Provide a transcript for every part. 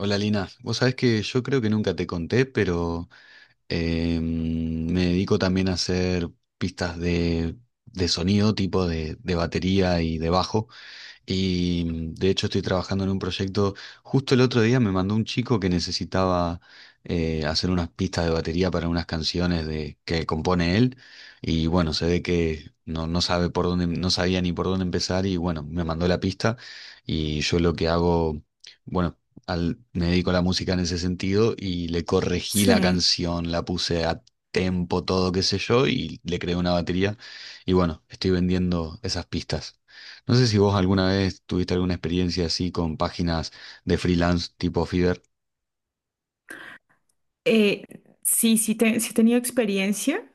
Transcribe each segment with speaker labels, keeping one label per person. Speaker 1: Hola Lina, vos sabés que yo creo que nunca te conté, pero me dedico también a hacer pistas de sonido, tipo de batería y de bajo. Y de hecho estoy trabajando en un proyecto. Justo el otro día me mandó un chico que necesitaba hacer unas pistas de batería para unas canciones que compone él. Y bueno, se ve que no sabe por dónde, no sabía ni por dónde empezar. Y bueno, me mandó la pista. Y yo lo que hago, bueno, me dedico a la música en ese sentido y le corregí la
Speaker 2: Sí,
Speaker 1: canción, la puse a tempo, todo, qué sé yo, y le creé una batería. Y bueno, estoy vendiendo esas pistas. No sé si vos alguna vez tuviste alguna experiencia así con páginas de freelance tipo Fiverr.
Speaker 2: eh, sí he tenido experiencia,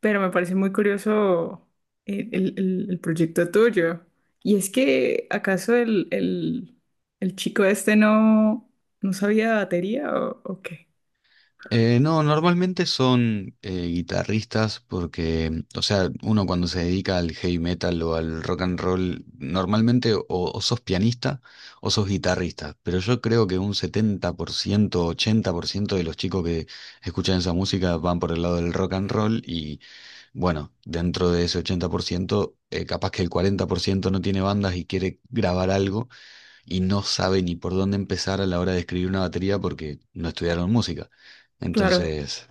Speaker 2: pero me parece muy curioso el proyecto tuyo. Y es que, ¿acaso el chico este no sabía de batería o qué?
Speaker 1: No, normalmente son guitarristas porque, o sea, uno cuando se dedica al heavy metal o al rock and roll, normalmente o sos pianista o sos guitarrista. Pero yo creo que un 70% 80% de los chicos que escuchan esa música van por el lado del rock and roll y bueno, dentro de ese 80%, capaz que el 40% no tiene bandas y quiere grabar algo y no sabe ni por dónde empezar a la hora de escribir una batería porque no estudiaron música.
Speaker 2: Claro,
Speaker 1: Entonces,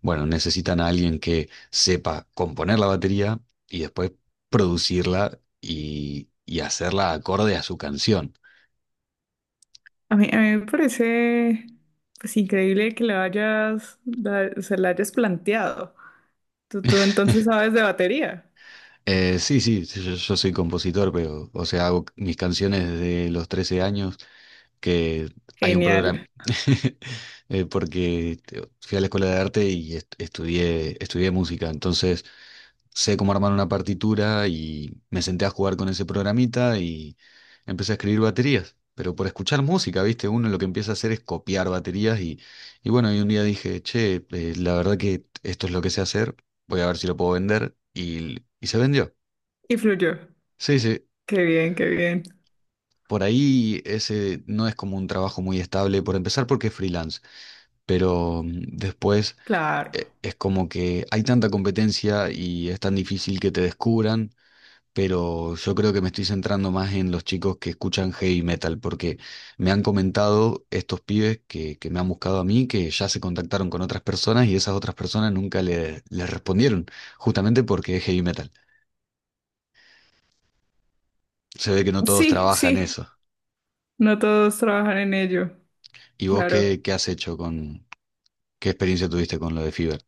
Speaker 1: bueno, necesitan a alguien que sepa componer la batería y después producirla y hacerla acorde a su canción.
Speaker 2: a mí me parece pues increíble que se la hayas planteado. Tú entonces sabes de batería.
Speaker 1: Sí, sí, sí, yo soy compositor, pero, o sea, hago mis canciones desde los 13 años, que hay un
Speaker 2: Genial.
Speaker 1: programa, porque fui a la escuela de arte y estudié música, entonces sé cómo armar una partitura y me senté a jugar con ese programita y empecé a escribir baterías. Pero por escuchar música, ¿viste? Uno lo que empieza a hacer es copiar baterías y bueno, y un día dije, che, la verdad que esto es lo que sé hacer, voy a ver si lo puedo vender y se vendió.
Speaker 2: Y fluyó.
Speaker 1: Sí, sí,
Speaker 2: Qué bien, qué bien.
Speaker 1: por ahí ese no es como un trabajo muy estable, por empezar porque es freelance, pero después
Speaker 2: Claro.
Speaker 1: es como que hay tanta competencia y es tan difícil que te descubran, pero yo creo que me estoy centrando más en los chicos que escuchan heavy metal, porque me han comentado estos pibes que me han buscado a mí, que ya se contactaron con otras personas y esas otras personas nunca les respondieron, justamente porque es heavy metal. Se ve que no todos
Speaker 2: Sí,
Speaker 1: trabajan
Speaker 2: sí.
Speaker 1: eso.
Speaker 2: No todos trabajan en ello,
Speaker 1: ¿Y vos
Speaker 2: claro.
Speaker 1: qué has hecho qué experiencia tuviste con lo de Fiverr?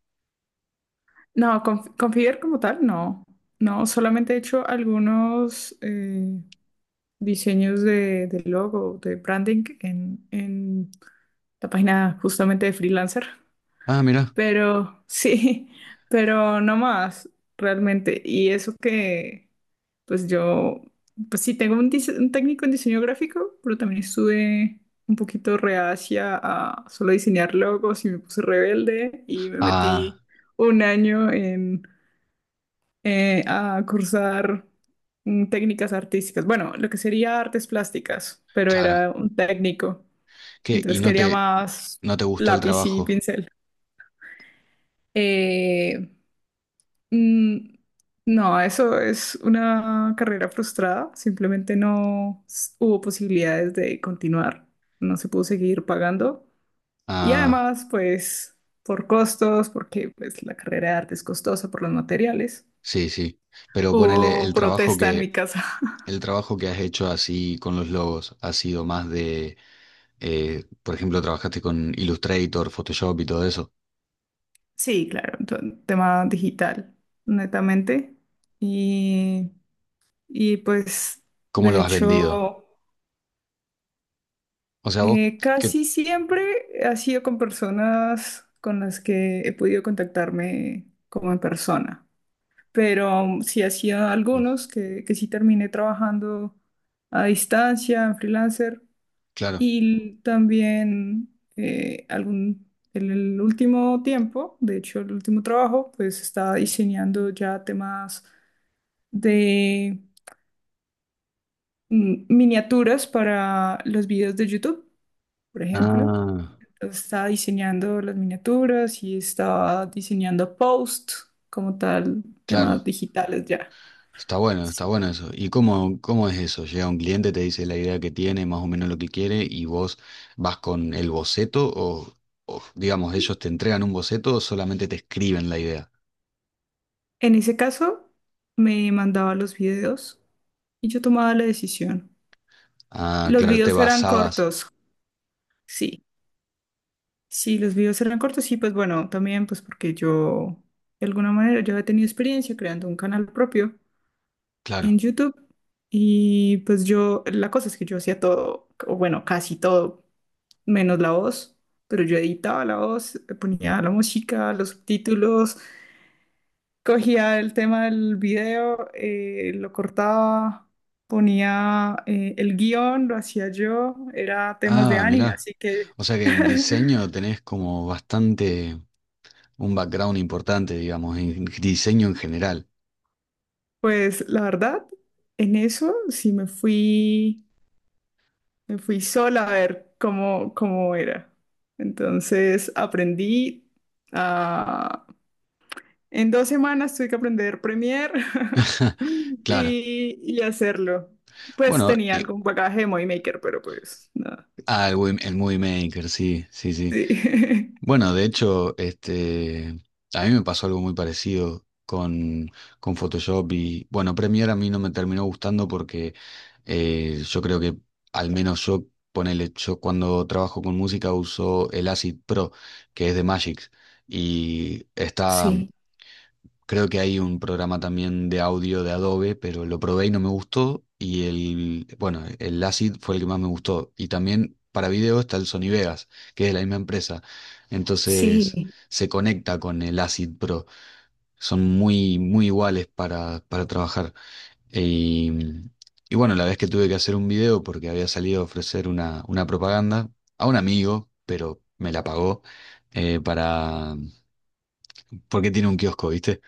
Speaker 2: No, con como tal, no. No, solamente he hecho algunos diseños de logo, de branding en la página justamente de freelancer.
Speaker 1: Ah, mira.
Speaker 2: Pero sí, pero no más, realmente. Y eso que, pues yo, pues sí, tengo un técnico en diseño gráfico, pero también estuve un poquito reacia a solo diseñar logos y me puse rebelde y me metí
Speaker 1: Ah,
Speaker 2: un año en, a cursar técnicas artísticas. Bueno, lo que sería artes plásticas, pero
Speaker 1: claro.
Speaker 2: era un técnico.
Speaker 1: ¿Qué? ¿Y
Speaker 2: Entonces
Speaker 1: no
Speaker 2: quería
Speaker 1: te,
Speaker 2: más
Speaker 1: no te gustó el
Speaker 2: lápiz y
Speaker 1: trabajo?
Speaker 2: pincel. Eh, Mm, no, eso es una carrera frustrada. Simplemente no s- hubo posibilidades de continuar. No se pudo seguir pagando. Y
Speaker 1: Ah,
Speaker 2: además, pues, por costos, porque pues, la carrera de arte es costosa por los materiales.
Speaker 1: sí, sí. Pero ponele
Speaker 2: Hubo protesta en mi casa.
Speaker 1: el trabajo que has hecho así con los logos ha sido más por ejemplo, trabajaste con Illustrator, Photoshop y todo eso.
Speaker 2: Sí, claro, tema digital, netamente. Y, y pues,
Speaker 1: ¿Cómo
Speaker 2: de
Speaker 1: lo has vendido?
Speaker 2: hecho...
Speaker 1: O sea, vos, que,
Speaker 2: Casi siempre ha sido con personas con las que he podido contactarme como en persona, pero sí ha sido algunos que sí terminé trabajando a distancia, en freelancer,
Speaker 1: claro.
Speaker 2: y también algún, en el último tiempo, de hecho el último trabajo, pues estaba diseñando ya temas de miniaturas para los videos de YouTube, por ejemplo.
Speaker 1: Ah,
Speaker 2: Estaba diseñando las miniaturas y estaba diseñando post como tal,
Speaker 1: claro.
Speaker 2: temas digitales ya.
Speaker 1: Está
Speaker 2: Sí.
Speaker 1: bueno eso. ¿Y cómo, cómo es eso? Llega un cliente, te dice la idea que tiene, más o menos lo que quiere, y vos vas con el boceto o, digamos, ellos te entregan un boceto o solamente te escriben la idea.
Speaker 2: En ese caso, me mandaba los videos y yo tomaba la decisión.
Speaker 1: Ah,
Speaker 2: Los
Speaker 1: claro, te
Speaker 2: videos eran
Speaker 1: basabas.
Speaker 2: cortos, sí. Sí, los videos eran cortos y pues bueno, también pues porque yo, de alguna manera, yo he tenido experiencia creando un canal propio en
Speaker 1: Claro.
Speaker 2: YouTube y pues yo, la cosa es que yo hacía todo, o bueno, casi todo menos la voz, pero yo editaba la voz, le ponía la música, los subtítulos, cogía el tema del video, lo cortaba, ponía el guión, lo hacía yo, era temas de
Speaker 1: Ah,
Speaker 2: anime,
Speaker 1: mirá.
Speaker 2: así que
Speaker 1: O sea que en diseño tenés como bastante un background importante, digamos, en diseño en general.
Speaker 2: pues la verdad, en eso sí me fui sola a ver cómo, cómo era. Entonces aprendí a En 2 semanas tuve que aprender Premiere
Speaker 1: Claro.
Speaker 2: y hacerlo. Pues
Speaker 1: Bueno,
Speaker 2: tenía algún bagaje de Movie Maker, pero pues nada.
Speaker 1: ah, el, el Movie Maker, sí, sí, sí.
Speaker 2: Sí.
Speaker 1: Bueno, de hecho, este, a mí me pasó algo muy parecido con Photoshop y, bueno, Premiere a mí no me terminó gustando porque yo creo que, al menos yo, ponele, yo cuando trabajo con música uso el Acid Pro, que es de Magic. Y está.
Speaker 2: Sí,
Speaker 1: Creo que hay un programa también de audio de Adobe, pero lo probé y no me gustó. Y el, bueno, el Acid fue el que más me gustó. Y también para video está el Sony Vegas, que es de la misma empresa. Entonces
Speaker 2: sí,
Speaker 1: se conecta con el Acid Pro. Son muy, muy iguales para trabajar. Y, y bueno, la vez que tuve que hacer un video porque había salido a ofrecer una propaganda a un amigo, pero me la pagó eh, para, porque tiene un kiosco, ¿viste?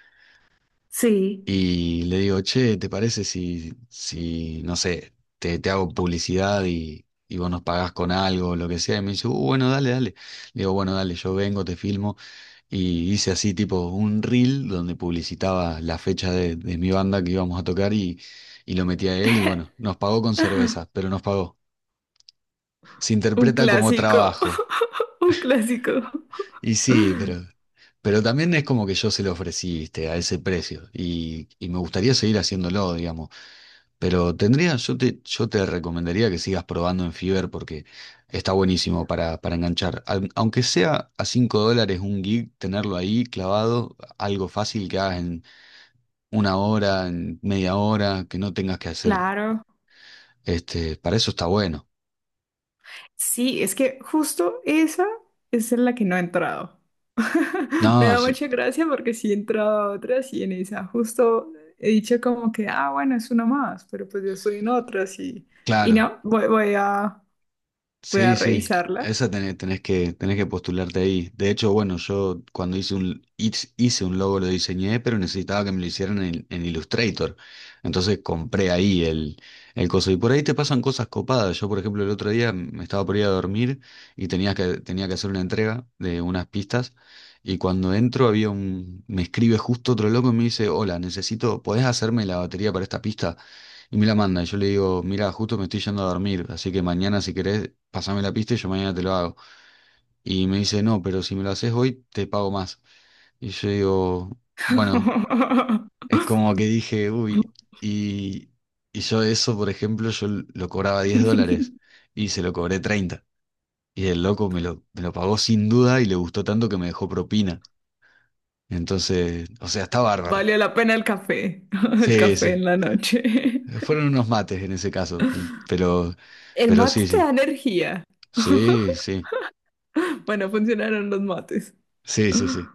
Speaker 2: sí.
Speaker 1: Y le digo, che, ¿te parece si, no sé, te hago publicidad y vos nos pagás con algo o lo que sea? Y me dice, bueno, dale, dale." Le digo, bueno, dale, yo vengo, te filmo. Y hice así tipo un reel donde publicitaba la fecha de mi banda que íbamos a tocar y lo metí a él y bueno, nos pagó con cervezas, pero nos pagó. Se
Speaker 2: Un
Speaker 1: interpreta como
Speaker 2: clásico,
Speaker 1: trabajo.
Speaker 2: un clásico.
Speaker 1: Y sí, pero... Pero también es como que yo se lo ofrecí, viste, a ese precio y me gustaría seguir haciéndolo, digamos. Pero tendría, yo te recomendaría que sigas probando en Fiverr porque está buenísimo para, enganchar. Aunque sea a $5 un gig, tenerlo ahí clavado, algo fácil que hagas en una hora, en media hora, que no tengas que hacer,
Speaker 2: Claro.
Speaker 1: este, para eso está bueno.
Speaker 2: Sí, es que justo esa es en la que no he entrado.
Speaker 1: No,
Speaker 2: Me da
Speaker 1: sí,
Speaker 2: mucha gracia porque sí he entrado a otras y en esa justo he dicho como que, ah, bueno, es una más, pero pues yo estoy en otras y
Speaker 1: claro.
Speaker 2: no, voy a, voy a
Speaker 1: Sí, sí,
Speaker 2: revisarla.
Speaker 1: esa tenés que postularte ahí. De hecho, bueno, yo cuando hice un logo lo diseñé, pero necesitaba que me lo hicieran en, Illustrator. Entonces compré ahí el coso. Y por ahí te pasan cosas copadas. Yo, por ejemplo, el otro día me estaba por ir a dormir y tenía que hacer una entrega de unas pistas. Y cuando entro había un, me escribe justo otro loco y me dice, hola, necesito, ¿podés hacerme la batería para esta pista? Y me la manda. Y yo le digo, mira, justo me estoy yendo a dormir, así que mañana si querés, pasame la pista y yo mañana te lo hago. Y me dice, no, pero si me lo haces hoy, te pago más. Y yo digo, bueno, es como que dije, uy, y, y yo eso, por ejemplo, yo lo cobraba $10 y se lo cobré 30. Y el loco me lo pagó sin duda y le gustó tanto que me dejó propina. Entonces, o sea, está bárbaro.
Speaker 2: Valió la pena el café, el
Speaker 1: Sí,
Speaker 2: café
Speaker 1: sí.
Speaker 2: en la noche.
Speaker 1: Fueron unos mates en ese caso, pero,
Speaker 2: El
Speaker 1: pero sí,
Speaker 2: mate te
Speaker 1: sí.
Speaker 2: da energía.
Speaker 1: Sí, sí.
Speaker 2: Bueno, funcionaron los mates.
Speaker 1: Sí, sí, sí.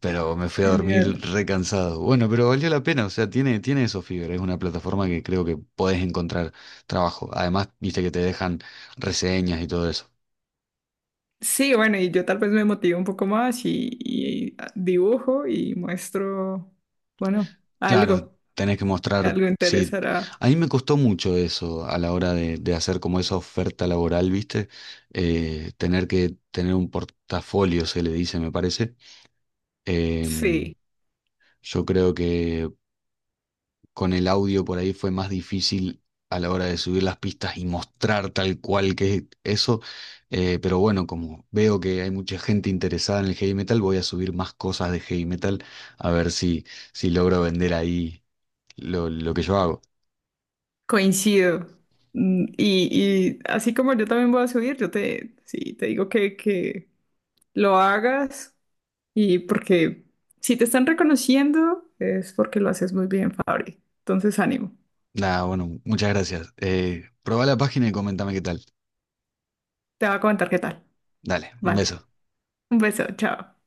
Speaker 1: Pero me fui a dormir
Speaker 2: Genial.
Speaker 1: recansado. Bueno, pero valió la pena. O sea, tiene eso, Fiverr. Es una plataforma que creo que podés encontrar trabajo. Además, viste que te dejan reseñas y todo eso.
Speaker 2: Sí, bueno, y yo tal vez me motivo un poco más y dibujo y muestro, bueno,
Speaker 1: Claro,
Speaker 2: algo,
Speaker 1: tenés que mostrar.
Speaker 2: algo
Speaker 1: Sí.
Speaker 2: interesará.
Speaker 1: A mí me costó mucho eso a la hora de hacer como esa oferta laboral, viste. Tener que tener un portafolio, se le dice, me parece. Em,
Speaker 2: Sí,
Speaker 1: yo creo que con el audio por ahí fue más difícil a la hora de subir las pistas y mostrar tal cual que es eso. Pero bueno, como veo que hay mucha gente interesada en el heavy metal, voy a subir más cosas de heavy metal a ver si, logro vender ahí lo que yo hago.
Speaker 2: coincido. Y así como yo también voy a subir, yo te, sí, te digo que lo hagas y porque si te están reconociendo es porque lo haces muy bien, Fabri. Entonces, ánimo.
Speaker 1: Nada, bueno, muchas gracias. Probá la página y comentame qué tal.
Speaker 2: Te voy a comentar qué tal.
Speaker 1: Dale, un beso.
Speaker 2: Vale. Un beso, chao.